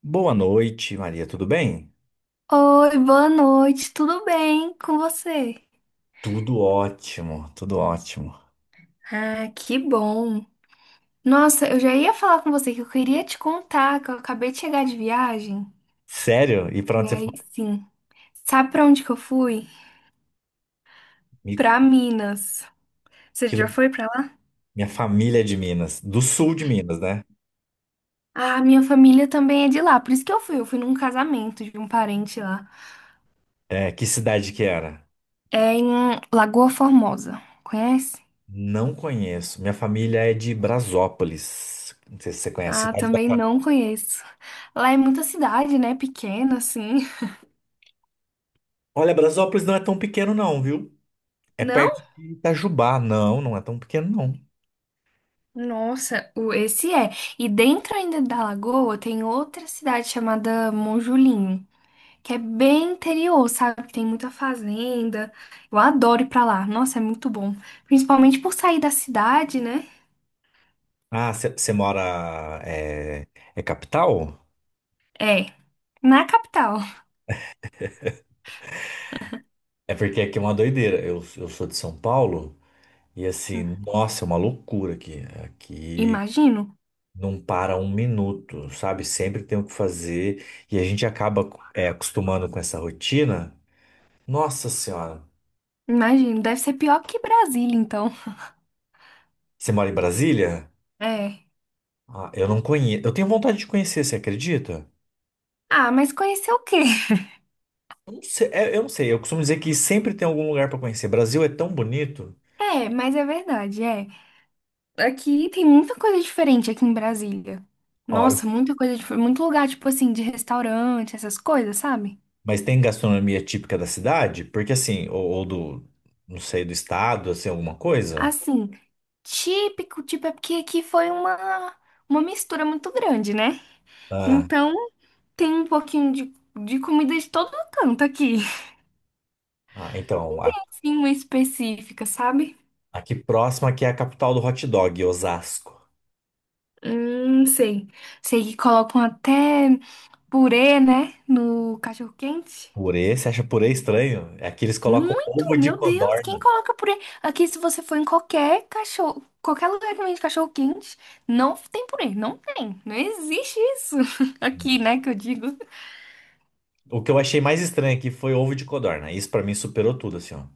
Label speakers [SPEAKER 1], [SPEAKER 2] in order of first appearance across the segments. [SPEAKER 1] Boa noite, Maria. Tudo bem?
[SPEAKER 2] Oi, boa noite, tudo bem com você?
[SPEAKER 1] Tudo ótimo, tudo ótimo.
[SPEAKER 2] Ah, que bom. Nossa, eu já ia falar com você que eu queria te contar que eu acabei de chegar de viagem.
[SPEAKER 1] Sério? E pra
[SPEAKER 2] E
[SPEAKER 1] onde você foi?
[SPEAKER 2] aí, sim. Sabe pra onde que eu fui?
[SPEAKER 1] Mi-
[SPEAKER 2] Pra Minas. Você
[SPEAKER 1] que
[SPEAKER 2] já
[SPEAKER 1] lu-
[SPEAKER 2] foi pra lá?
[SPEAKER 1] Minha família é de Minas, do sul de Minas, né?
[SPEAKER 2] Ah, minha família também é de lá, por isso que eu fui. Eu fui num casamento de um parente lá.
[SPEAKER 1] É, que cidade que era?
[SPEAKER 2] É em Lagoa Formosa. Conhece?
[SPEAKER 1] Não conheço. Minha família é de Brasópolis. Não sei se você conhece a
[SPEAKER 2] Ah,
[SPEAKER 1] cidade de
[SPEAKER 2] também
[SPEAKER 1] Brasópolis.
[SPEAKER 2] não conheço. Lá é muita cidade, né? Pequena, assim.
[SPEAKER 1] Olha, Brasópolis não é tão pequeno não, viu? É perto
[SPEAKER 2] Não?
[SPEAKER 1] de Itajubá. Não, não é tão pequeno não.
[SPEAKER 2] Nossa, esse é. E dentro ainda da Lagoa tem outra cidade chamada Monjulinho, que é bem interior, sabe? Que tem muita fazenda. Eu adoro ir pra lá. Nossa, é muito bom. Principalmente por sair da cidade, né?
[SPEAKER 1] Ah, você mora... É, é capital?
[SPEAKER 2] É, na capital.
[SPEAKER 1] É porque aqui é uma doideira. Eu sou de São Paulo. E assim, nossa, é uma loucura aqui. Aqui
[SPEAKER 2] Imagino,
[SPEAKER 1] não para um minuto, sabe? Sempre tem o que fazer e a gente acaba acostumando com essa rotina. Nossa Senhora,
[SPEAKER 2] imagino. Deve ser pior que Brasília, então.
[SPEAKER 1] você mora em Brasília?
[SPEAKER 2] É.
[SPEAKER 1] Ah, eu não conheço. Eu tenho vontade de conhecer, você acredita?
[SPEAKER 2] Ah, mas conhecer o quê?
[SPEAKER 1] Eu não sei, eu não sei. Eu costumo dizer que sempre tem algum lugar para conhecer. Brasil é tão bonito.
[SPEAKER 2] É, mas é verdade, é. Aqui tem muita coisa diferente aqui em Brasília.
[SPEAKER 1] Ó, eu-
[SPEAKER 2] Nossa, muita coisa diferente. Muito lugar, tipo assim, de restaurante, essas coisas, sabe?
[SPEAKER 1] mas tem gastronomia típica da cidade? Porque assim, ou do, não sei, do estado, assim, alguma coisa?
[SPEAKER 2] Assim, típico, tipo, é porque aqui foi uma mistura muito grande, né?
[SPEAKER 1] Ah,
[SPEAKER 2] Então, tem um pouquinho de comida de todo canto aqui.
[SPEAKER 1] ah, então.
[SPEAKER 2] Sim, uma específica, sabe?
[SPEAKER 1] Aqui próximo aqui é a capital do hot dog, Osasco.
[SPEAKER 2] Sei. Sei que colocam até purê, né? No cachorro-quente.
[SPEAKER 1] Purê, você acha purê estranho? É que eles colocam
[SPEAKER 2] Muito,
[SPEAKER 1] ovo de
[SPEAKER 2] meu Deus, quem
[SPEAKER 1] codorna.
[SPEAKER 2] coloca purê? Aqui, se você for em qualquer cachorro, qualquer lugar que vende cachorro quente, não tem purê, não tem, não existe isso aqui,
[SPEAKER 1] Nossa.
[SPEAKER 2] né, que eu digo.
[SPEAKER 1] O que eu achei mais estranho aqui foi ovo de codorna. Isso pra mim superou tudo, assim, ó.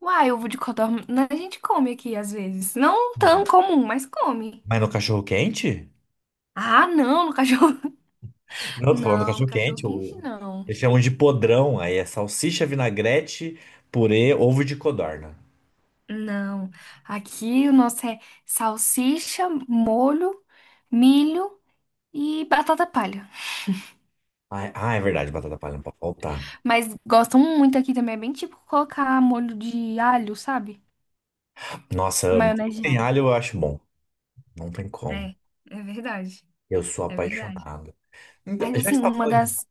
[SPEAKER 2] Uai, ovo de codorna, né, a gente come aqui às vezes, não tão comum, mas come.
[SPEAKER 1] Mas no cachorro quente?
[SPEAKER 2] Ah, não, no cachorro,
[SPEAKER 1] Não, tô falando do
[SPEAKER 2] não, no
[SPEAKER 1] cachorro
[SPEAKER 2] cachorro
[SPEAKER 1] quente.
[SPEAKER 2] quente não,
[SPEAKER 1] Eles chamam de podrão. Aí é salsicha, vinagrete, purê, ovo de codorna.
[SPEAKER 2] não. Aqui o nosso é salsicha, molho, milho e batata palha.
[SPEAKER 1] Ah, é verdade, batata palha não pode faltar.
[SPEAKER 2] Mas gostam muito aqui também. É bem tipo colocar molho de alho, sabe?
[SPEAKER 1] Nossa, eu amo. Tudo que
[SPEAKER 2] Maionese de
[SPEAKER 1] tem
[SPEAKER 2] alho.
[SPEAKER 1] alho eu acho bom. Não tem como.
[SPEAKER 2] É, é verdade.
[SPEAKER 1] Eu sou
[SPEAKER 2] É verdade.
[SPEAKER 1] apaixonado. Então,
[SPEAKER 2] Mas
[SPEAKER 1] já que
[SPEAKER 2] assim,
[SPEAKER 1] você tava
[SPEAKER 2] uma
[SPEAKER 1] falando de.
[SPEAKER 2] das,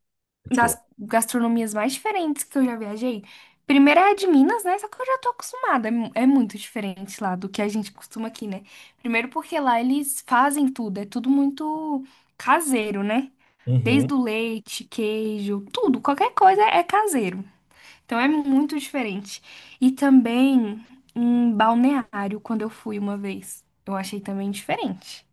[SPEAKER 2] das
[SPEAKER 1] Desculpa.
[SPEAKER 2] gastronomias mais diferentes que eu já viajei. Primeiro é a de Minas, né? Só que eu já tô acostumada. É, é muito diferente lá do que a gente costuma aqui, né? Primeiro porque lá eles fazem tudo, é tudo muito caseiro, né? Desde
[SPEAKER 1] Uhum.
[SPEAKER 2] o leite, queijo, tudo, qualquer coisa é caseiro. Então é muito diferente. E também um balneário, quando eu fui uma vez. Eu achei também diferente.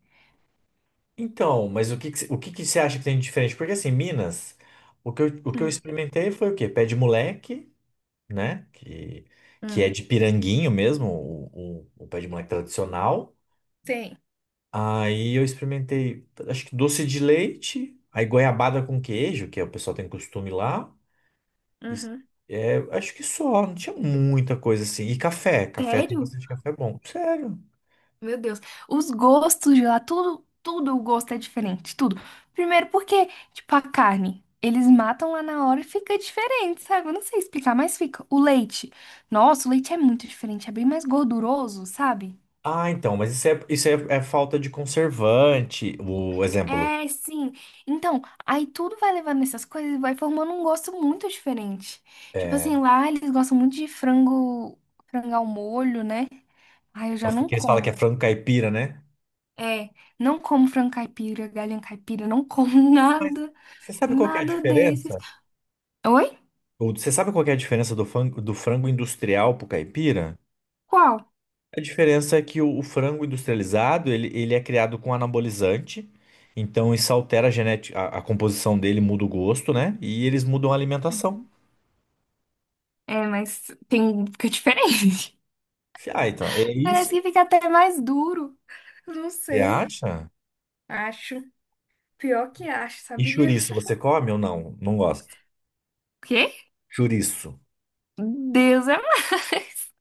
[SPEAKER 1] Então, mas o que que você acha que tem de diferente? Porque assim, Minas, o que eu
[SPEAKER 2] Hum,
[SPEAKER 1] experimentei foi o quê? Pé de moleque, né? Que
[SPEAKER 2] hum,
[SPEAKER 1] é de piranguinho mesmo, o pé de moleque tradicional.
[SPEAKER 2] Sim.
[SPEAKER 1] Aí eu experimentei, acho que doce de leite, aí goiabada com queijo, que é o pessoal tem costume lá. E,
[SPEAKER 2] Uhum.
[SPEAKER 1] acho que só, não tinha muita coisa assim. E café, café tem
[SPEAKER 2] Sério?
[SPEAKER 1] bastante café bom. Sério.
[SPEAKER 2] Meu Deus. Os gostos de lá, tudo, tudo o gosto é diferente, tudo. Primeiro porque, tipo, a carne, eles matam lá na hora e fica diferente, sabe? Eu não sei explicar, mas fica. O leite. Nossa, o leite é muito diferente, é bem mais gorduroso, sabe?
[SPEAKER 1] Ah, então, mas isso é, é falta de conservante. O exemplo.
[SPEAKER 2] É, sim. Então, aí tudo vai levando essas coisas e vai formando um gosto muito diferente. Tipo
[SPEAKER 1] É,
[SPEAKER 2] assim, lá eles gostam muito de frango, frango ao molho, né? Ai, eu já não
[SPEAKER 1] porque eles falam que é
[SPEAKER 2] como.
[SPEAKER 1] frango caipira, né?
[SPEAKER 2] É, não como frango caipira, galinha caipira, não como
[SPEAKER 1] Mas
[SPEAKER 2] nada,
[SPEAKER 1] você sabe qual que é a
[SPEAKER 2] nada desses.
[SPEAKER 1] diferença?
[SPEAKER 2] Oi?
[SPEAKER 1] Ou você sabe qual que é a diferença do frango industrial pro caipira?
[SPEAKER 2] Qual?
[SPEAKER 1] A diferença é que o frango industrializado, ele é criado com anabolizante, então isso altera a genética, a composição dele muda o gosto, né? E eles mudam a alimentação.
[SPEAKER 2] É, mas tem, fica diferente.
[SPEAKER 1] Ah, então, é
[SPEAKER 2] Parece
[SPEAKER 1] isso?
[SPEAKER 2] que fica até mais duro. Não
[SPEAKER 1] Você
[SPEAKER 2] sei.
[SPEAKER 1] acha?
[SPEAKER 2] Acho. Pior que acho,
[SPEAKER 1] E
[SPEAKER 2] sabia?
[SPEAKER 1] chouriço, você come ou não? Não gosto.
[SPEAKER 2] O quê?
[SPEAKER 1] Chouriço.
[SPEAKER 2] Deus é mais.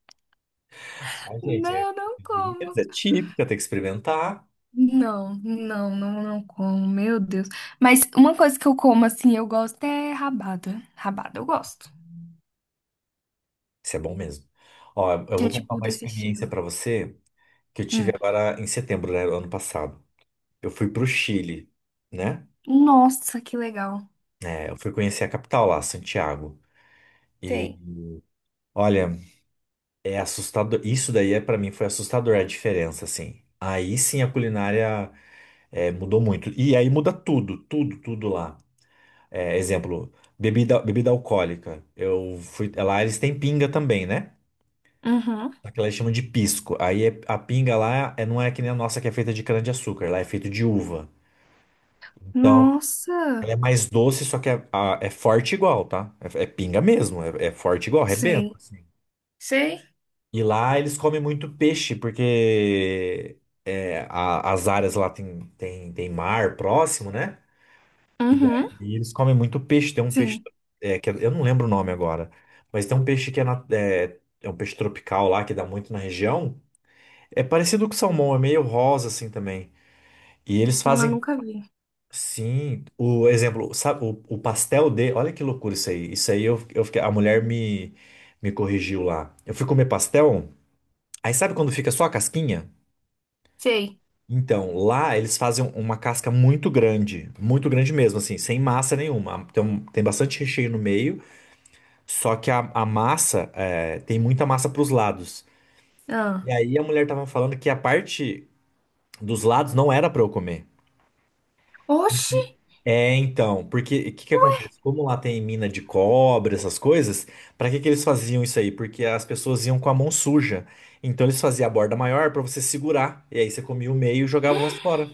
[SPEAKER 1] Ai, gente,
[SPEAKER 2] Não, não como.
[SPEAKER 1] é é típica, tem que experimentar.
[SPEAKER 2] Não, não, não, não como. Meu Deus. Mas uma coisa que eu como, assim, eu gosto é rabada. Rabada eu gosto.
[SPEAKER 1] Isso é bom mesmo. Ó, eu
[SPEAKER 2] Que é
[SPEAKER 1] vou contar
[SPEAKER 2] tipo
[SPEAKER 1] uma
[SPEAKER 2] desse
[SPEAKER 1] experiência
[SPEAKER 2] estilo.
[SPEAKER 1] pra você que eu tive
[SPEAKER 2] Hum.
[SPEAKER 1] agora em setembro, né, do ano passado. Eu fui pro Chile, né?
[SPEAKER 2] Nossa, que legal.
[SPEAKER 1] É, eu fui conhecer a capital lá, Santiago.
[SPEAKER 2] Sei.
[SPEAKER 1] Olha, é assustador. Isso daí é para mim foi assustador a diferença, assim. Aí sim a culinária mudou muito. E aí muda tudo, tudo, tudo lá. É, exemplo, bebida, bebida alcoólica. Eu fui lá, eles têm pinga também, né?
[SPEAKER 2] Uhum.
[SPEAKER 1] Aquela eles chamam de pisco. A pinga lá é, não é que nem a nossa que é feita de cana-de-açúcar, lá é feito de uva. Então,
[SPEAKER 2] Nossa.
[SPEAKER 1] ela é mais doce, só que é forte igual, tá? É pinga mesmo, é forte igual, rebenta,
[SPEAKER 2] Sei.
[SPEAKER 1] assim.
[SPEAKER 2] Sei.
[SPEAKER 1] E lá eles comem muito peixe, porque as áreas lá tem, tem mar próximo, né? E aí
[SPEAKER 2] Uhum.
[SPEAKER 1] eles comem muito peixe. Tem um peixe,
[SPEAKER 2] Sim.
[SPEAKER 1] eu não lembro o nome agora, mas tem um peixe que é é um peixe tropical lá que dá muito na região. É parecido com salmão, é meio rosa assim também. E eles
[SPEAKER 2] Eu
[SPEAKER 1] fazem,
[SPEAKER 2] nunca vi.
[SPEAKER 1] sim, o exemplo, sabe, o pastel de, olha que loucura isso aí. Isso aí eu fiquei, a mulher me corrigiu lá. Eu fui comer pastel, aí sabe quando fica só a casquinha?
[SPEAKER 2] Sei.
[SPEAKER 1] Então, lá eles fazem uma casca muito grande mesmo, assim, sem massa nenhuma. Tem bastante recheio no meio, só que a massa, é, tem muita massa para os lados. E
[SPEAKER 2] Ah.
[SPEAKER 1] aí a mulher tava falando que a parte dos lados não era para eu comer.
[SPEAKER 2] Oxi!
[SPEAKER 1] Porque- É, então, porque o que que acontece? Como lá tem mina de cobre, essas coisas, pra que que eles faziam isso aí? Porque as pessoas iam com a mão suja. Então eles faziam a borda maior pra você segurar. E aí você comia o meio e jogava o resto fora.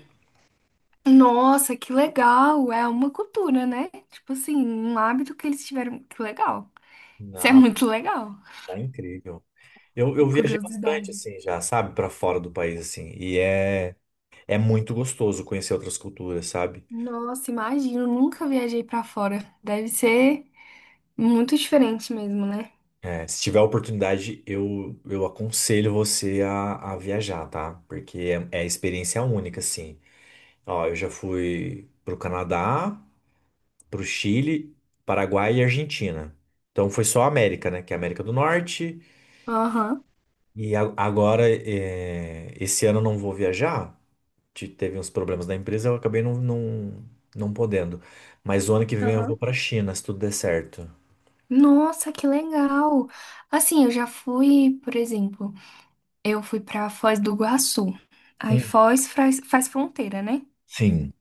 [SPEAKER 2] Nossa, que legal! É uma cultura, né? Tipo assim, um hábito que eles tiveram. Que legal. Isso é
[SPEAKER 1] Nada,
[SPEAKER 2] muito legal.
[SPEAKER 1] tá incrível. Eu viajei bastante,
[SPEAKER 2] Curiosidade.
[SPEAKER 1] assim, já, sabe, pra fora do país, assim. É muito gostoso conhecer outras culturas, sabe?
[SPEAKER 2] Nossa, imagino, nunca viajei pra fora. Deve ser muito diferente mesmo, né?
[SPEAKER 1] É, se tiver a oportunidade, eu aconselho você a viajar, tá? Porque é experiência única, assim. Ó, eu já fui pro Canadá, pro Chile, Paraguai e Argentina. Então foi só a América, né? Que é a América do Norte.
[SPEAKER 2] Aham,
[SPEAKER 1] Agora, é, esse ano eu não vou viajar. Teve uns problemas da empresa, eu acabei não podendo. Mas o ano que vem eu vou
[SPEAKER 2] aham.
[SPEAKER 1] pra China, se tudo der certo.
[SPEAKER 2] Nossa, que legal! Assim, eu já fui, por exemplo, eu fui pra Foz do Iguaçu. Aí
[SPEAKER 1] Hum.
[SPEAKER 2] Foz faz, faz fronteira, né?
[SPEAKER 1] Sim.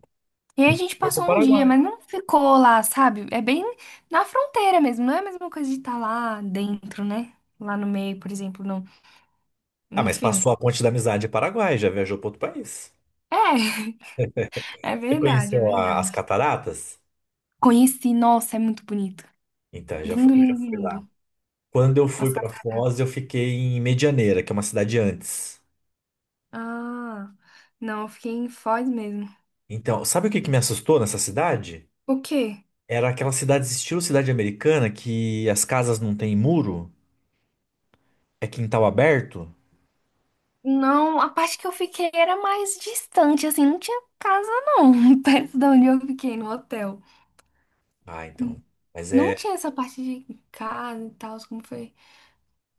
[SPEAKER 2] E aí a gente
[SPEAKER 1] Foi pro
[SPEAKER 2] passou um dia,
[SPEAKER 1] Paraguai.
[SPEAKER 2] mas não ficou lá, sabe? É bem na fronteira mesmo, não é a mesma coisa de estar lá dentro, né? Lá no meio, por exemplo, não.
[SPEAKER 1] Ah, mas
[SPEAKER 2] Enfim.
[SPEAKER 1] passou a ponte da amizade em Paraguai, já viajou para outro país.
[SPEAKER 2] É, é
[SPEAKER 1] Você
[SPEAKER 2] verdade, é
[SPEAKER 1] conheceu as
[SPEAKER 2] verdade.
[SPEAKER 1] cataratas?
[SPEAKER 2] Conheci, nossa, é muito bonito.
[SPEAKER 1] Então,
[SPEAKER 2] Lindo,
[SPEAKER 1] eu já
[SPEAKER 2] lindo,
[SPEAKER 1] fui lá.
[SPEAKER 2] lindo.
[SPEAKER 1] Quando eu
[SPEAKER 2] As
[SPEAKER 1] fui pra Foz,
[SPEAKER 2] cataratas.
[SPEAKER 1] eu fiquei em Medianeira, que é uma cidade antes.
[SPEAKER 2] Ah, não, eu fiquei em Foz mesmo.
[SPEAKER 1] Então, sabe o que que me assustou nessa cidade?
[SPEAKER 2] O quê?
[SPEAKER 1] Era aquelas cidades estilo cidade americana que as casas não têm muro, é quintal aberto.
[SPEAKER 2] Não, a parte que eu fiquei era mais distante, assim, não tinha casa não, perto de onde eu fiquei, no hotel.
[SPEAKER 1] Ah, então. Mas
[SPEAKER 2] Não
[SPEAKER 1] é.
[SPEAKER 2] tinha essa parte de casa e tal, como foi.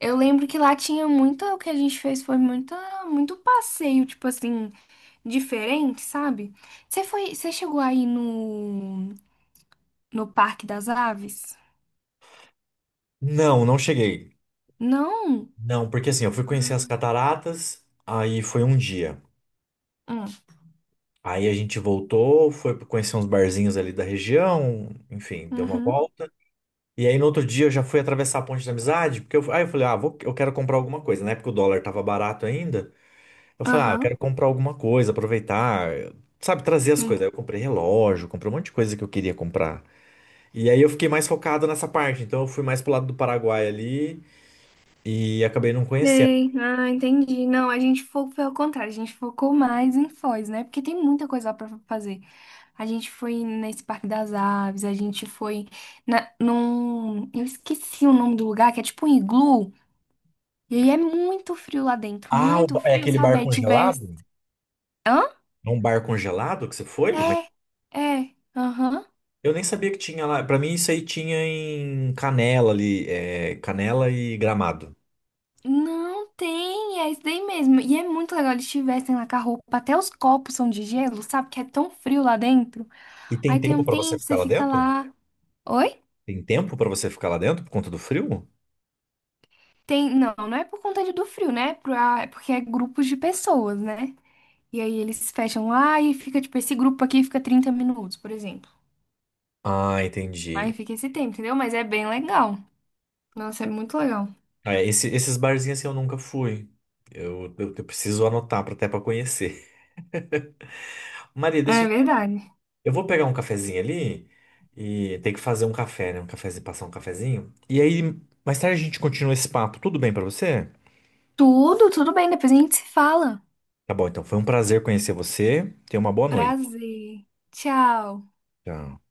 [SPEAKER 2] Eu lembro que lá tinha muito, o que a gente fez foi muita, muito passeio, tipo assim, diferente, sabe? Você foi, você chegou aí no, no Parque das Aves?
[SPEAKER 1] Não, não cheguei.
[SPEAKER 2] Não?
[SPEAKER 1] Não, porque assim, eu fui conhecer as cataratas, aí foi um dia.
[SPEAKER 2] Hum.
[SPEAKER 1] Aí a gente voltou, foi conhecer uns barzinhos ali da região, enfim, deu uma
[SPEAKER 2] Uhum.
[SPEAKER 1] volta. E aí no outro dia eu já fui atravessar a ponte da amizade, porque eu, aí eu falei, ah, vou, eu quero comprar alguma coisa, né porque o dólar tava barato ainda. Eu falei, ah, eu
[SPEAKER 2] Aham.
[SPEAKER 1] quero comprar alguma coisa, aproveitar, sabe, trazer as coisas.
[SPEAKER 2] Sim.
[SPEAKER 1] Aí eu comprei relógio, comprei um monte de coisa que eu queria comprar. E aí eu fiquei mais focado nessa parte, então eu fui mais pro lado do Paraguai ali e acabei não conhecendo.
[SPEAKER 2] Sei. Ah, entendi. Não, a gente foi ao contrário, a gente focou mais em Foz, né? Porque tem muita coisa lá pra fazer. A gente foi nesse Parque das Aves, a gente foi na, num. Eu esqueci o nome do lugar, que é tipo um iglu. E aí é muito frio lá dentro,
[SPEAKER 1] Ah,
[SPEAKER 2] muito
[SPEAKER 1] é
[SPEAKER 2] frio,
[SPEAKER 1] aquele
[SPEAKER 2] sabe?
[SPEAKER 1] bar
[SPEAKER 2] Aí tivesse.
[SPEAKER 1] congelado?
[SPEAKER 2] Hã?
[SPEAKER 1] É um bar congelado que você foi? Mas
[SPEAKER 2] É, é. Aham.
[SPEAKER 1] eu nem sabia que tinha lá. Pra mim isso aí tinha em Canela ali, é, Canela e Gramado.
[SPEAKER 2] Não tem, é isso daí mesmo. E é muito legal eles tivessem lá com a roupa. Até os copos são de gelo, sabe? Que é tão frio lá dentro.
[SPEAKER 1] E tem
[SPEAKER 2] Aí tem um
[SPEAKER 1] tempo pra você
[SPEAKER 2] tempo,
[SPEAKER 1] ficar
[SPEAKER 2] você
[SPEAKER 1] lá
[SPEAKER 2] fica
[SPEAKER 1] dentro?
[SPEAKER 2] lá. Oi?
[SPEAKER 1] Tem tempo pra você ficar lá dentro por conta do frio?
[SPEAKER 2] Tem. Não, não é por conta do frio, né? É ah, é porque é grupos de pessoas, né? E aí eles fecham lá e fica, tipo, esse grupo aqui fica 30 minutos, por exemplo.
[SPEAKER 1] Ah,
[SPEAKER 2] Aí
[SPEAKER 1] entendi.
[SPEAKER 2] fica esse tempo, entendeu? Mas é bem legal. Nossa, é muito legal.
[SPEAKER 1] Ah, esses barzinhos assim eu nunca fui. Eu preciso anotar pra, até pra conhecer. Maria,
[SPEAKER 2] É
[SPEAKER 1] deixa.
[SPEAKER 2] verdade.
[SPEAKER 1] Eu vou pegar um cafezinho ali e tem que fazer um café, né? Um cafezinho, passar um cafezinho. E aí, mais tarde a gente continua esse papo. Tudo bem pra você?
[SPEAKER 2] Tudo, tudo bem. Depois a gente se fala.
[SPEAKER 1] Tá bom, então foi um prazer conhecer você. Tenha uma boa noite.
[SPEAKER 2] Prazer. Tchau.
[SPEAKER 1] Tchau.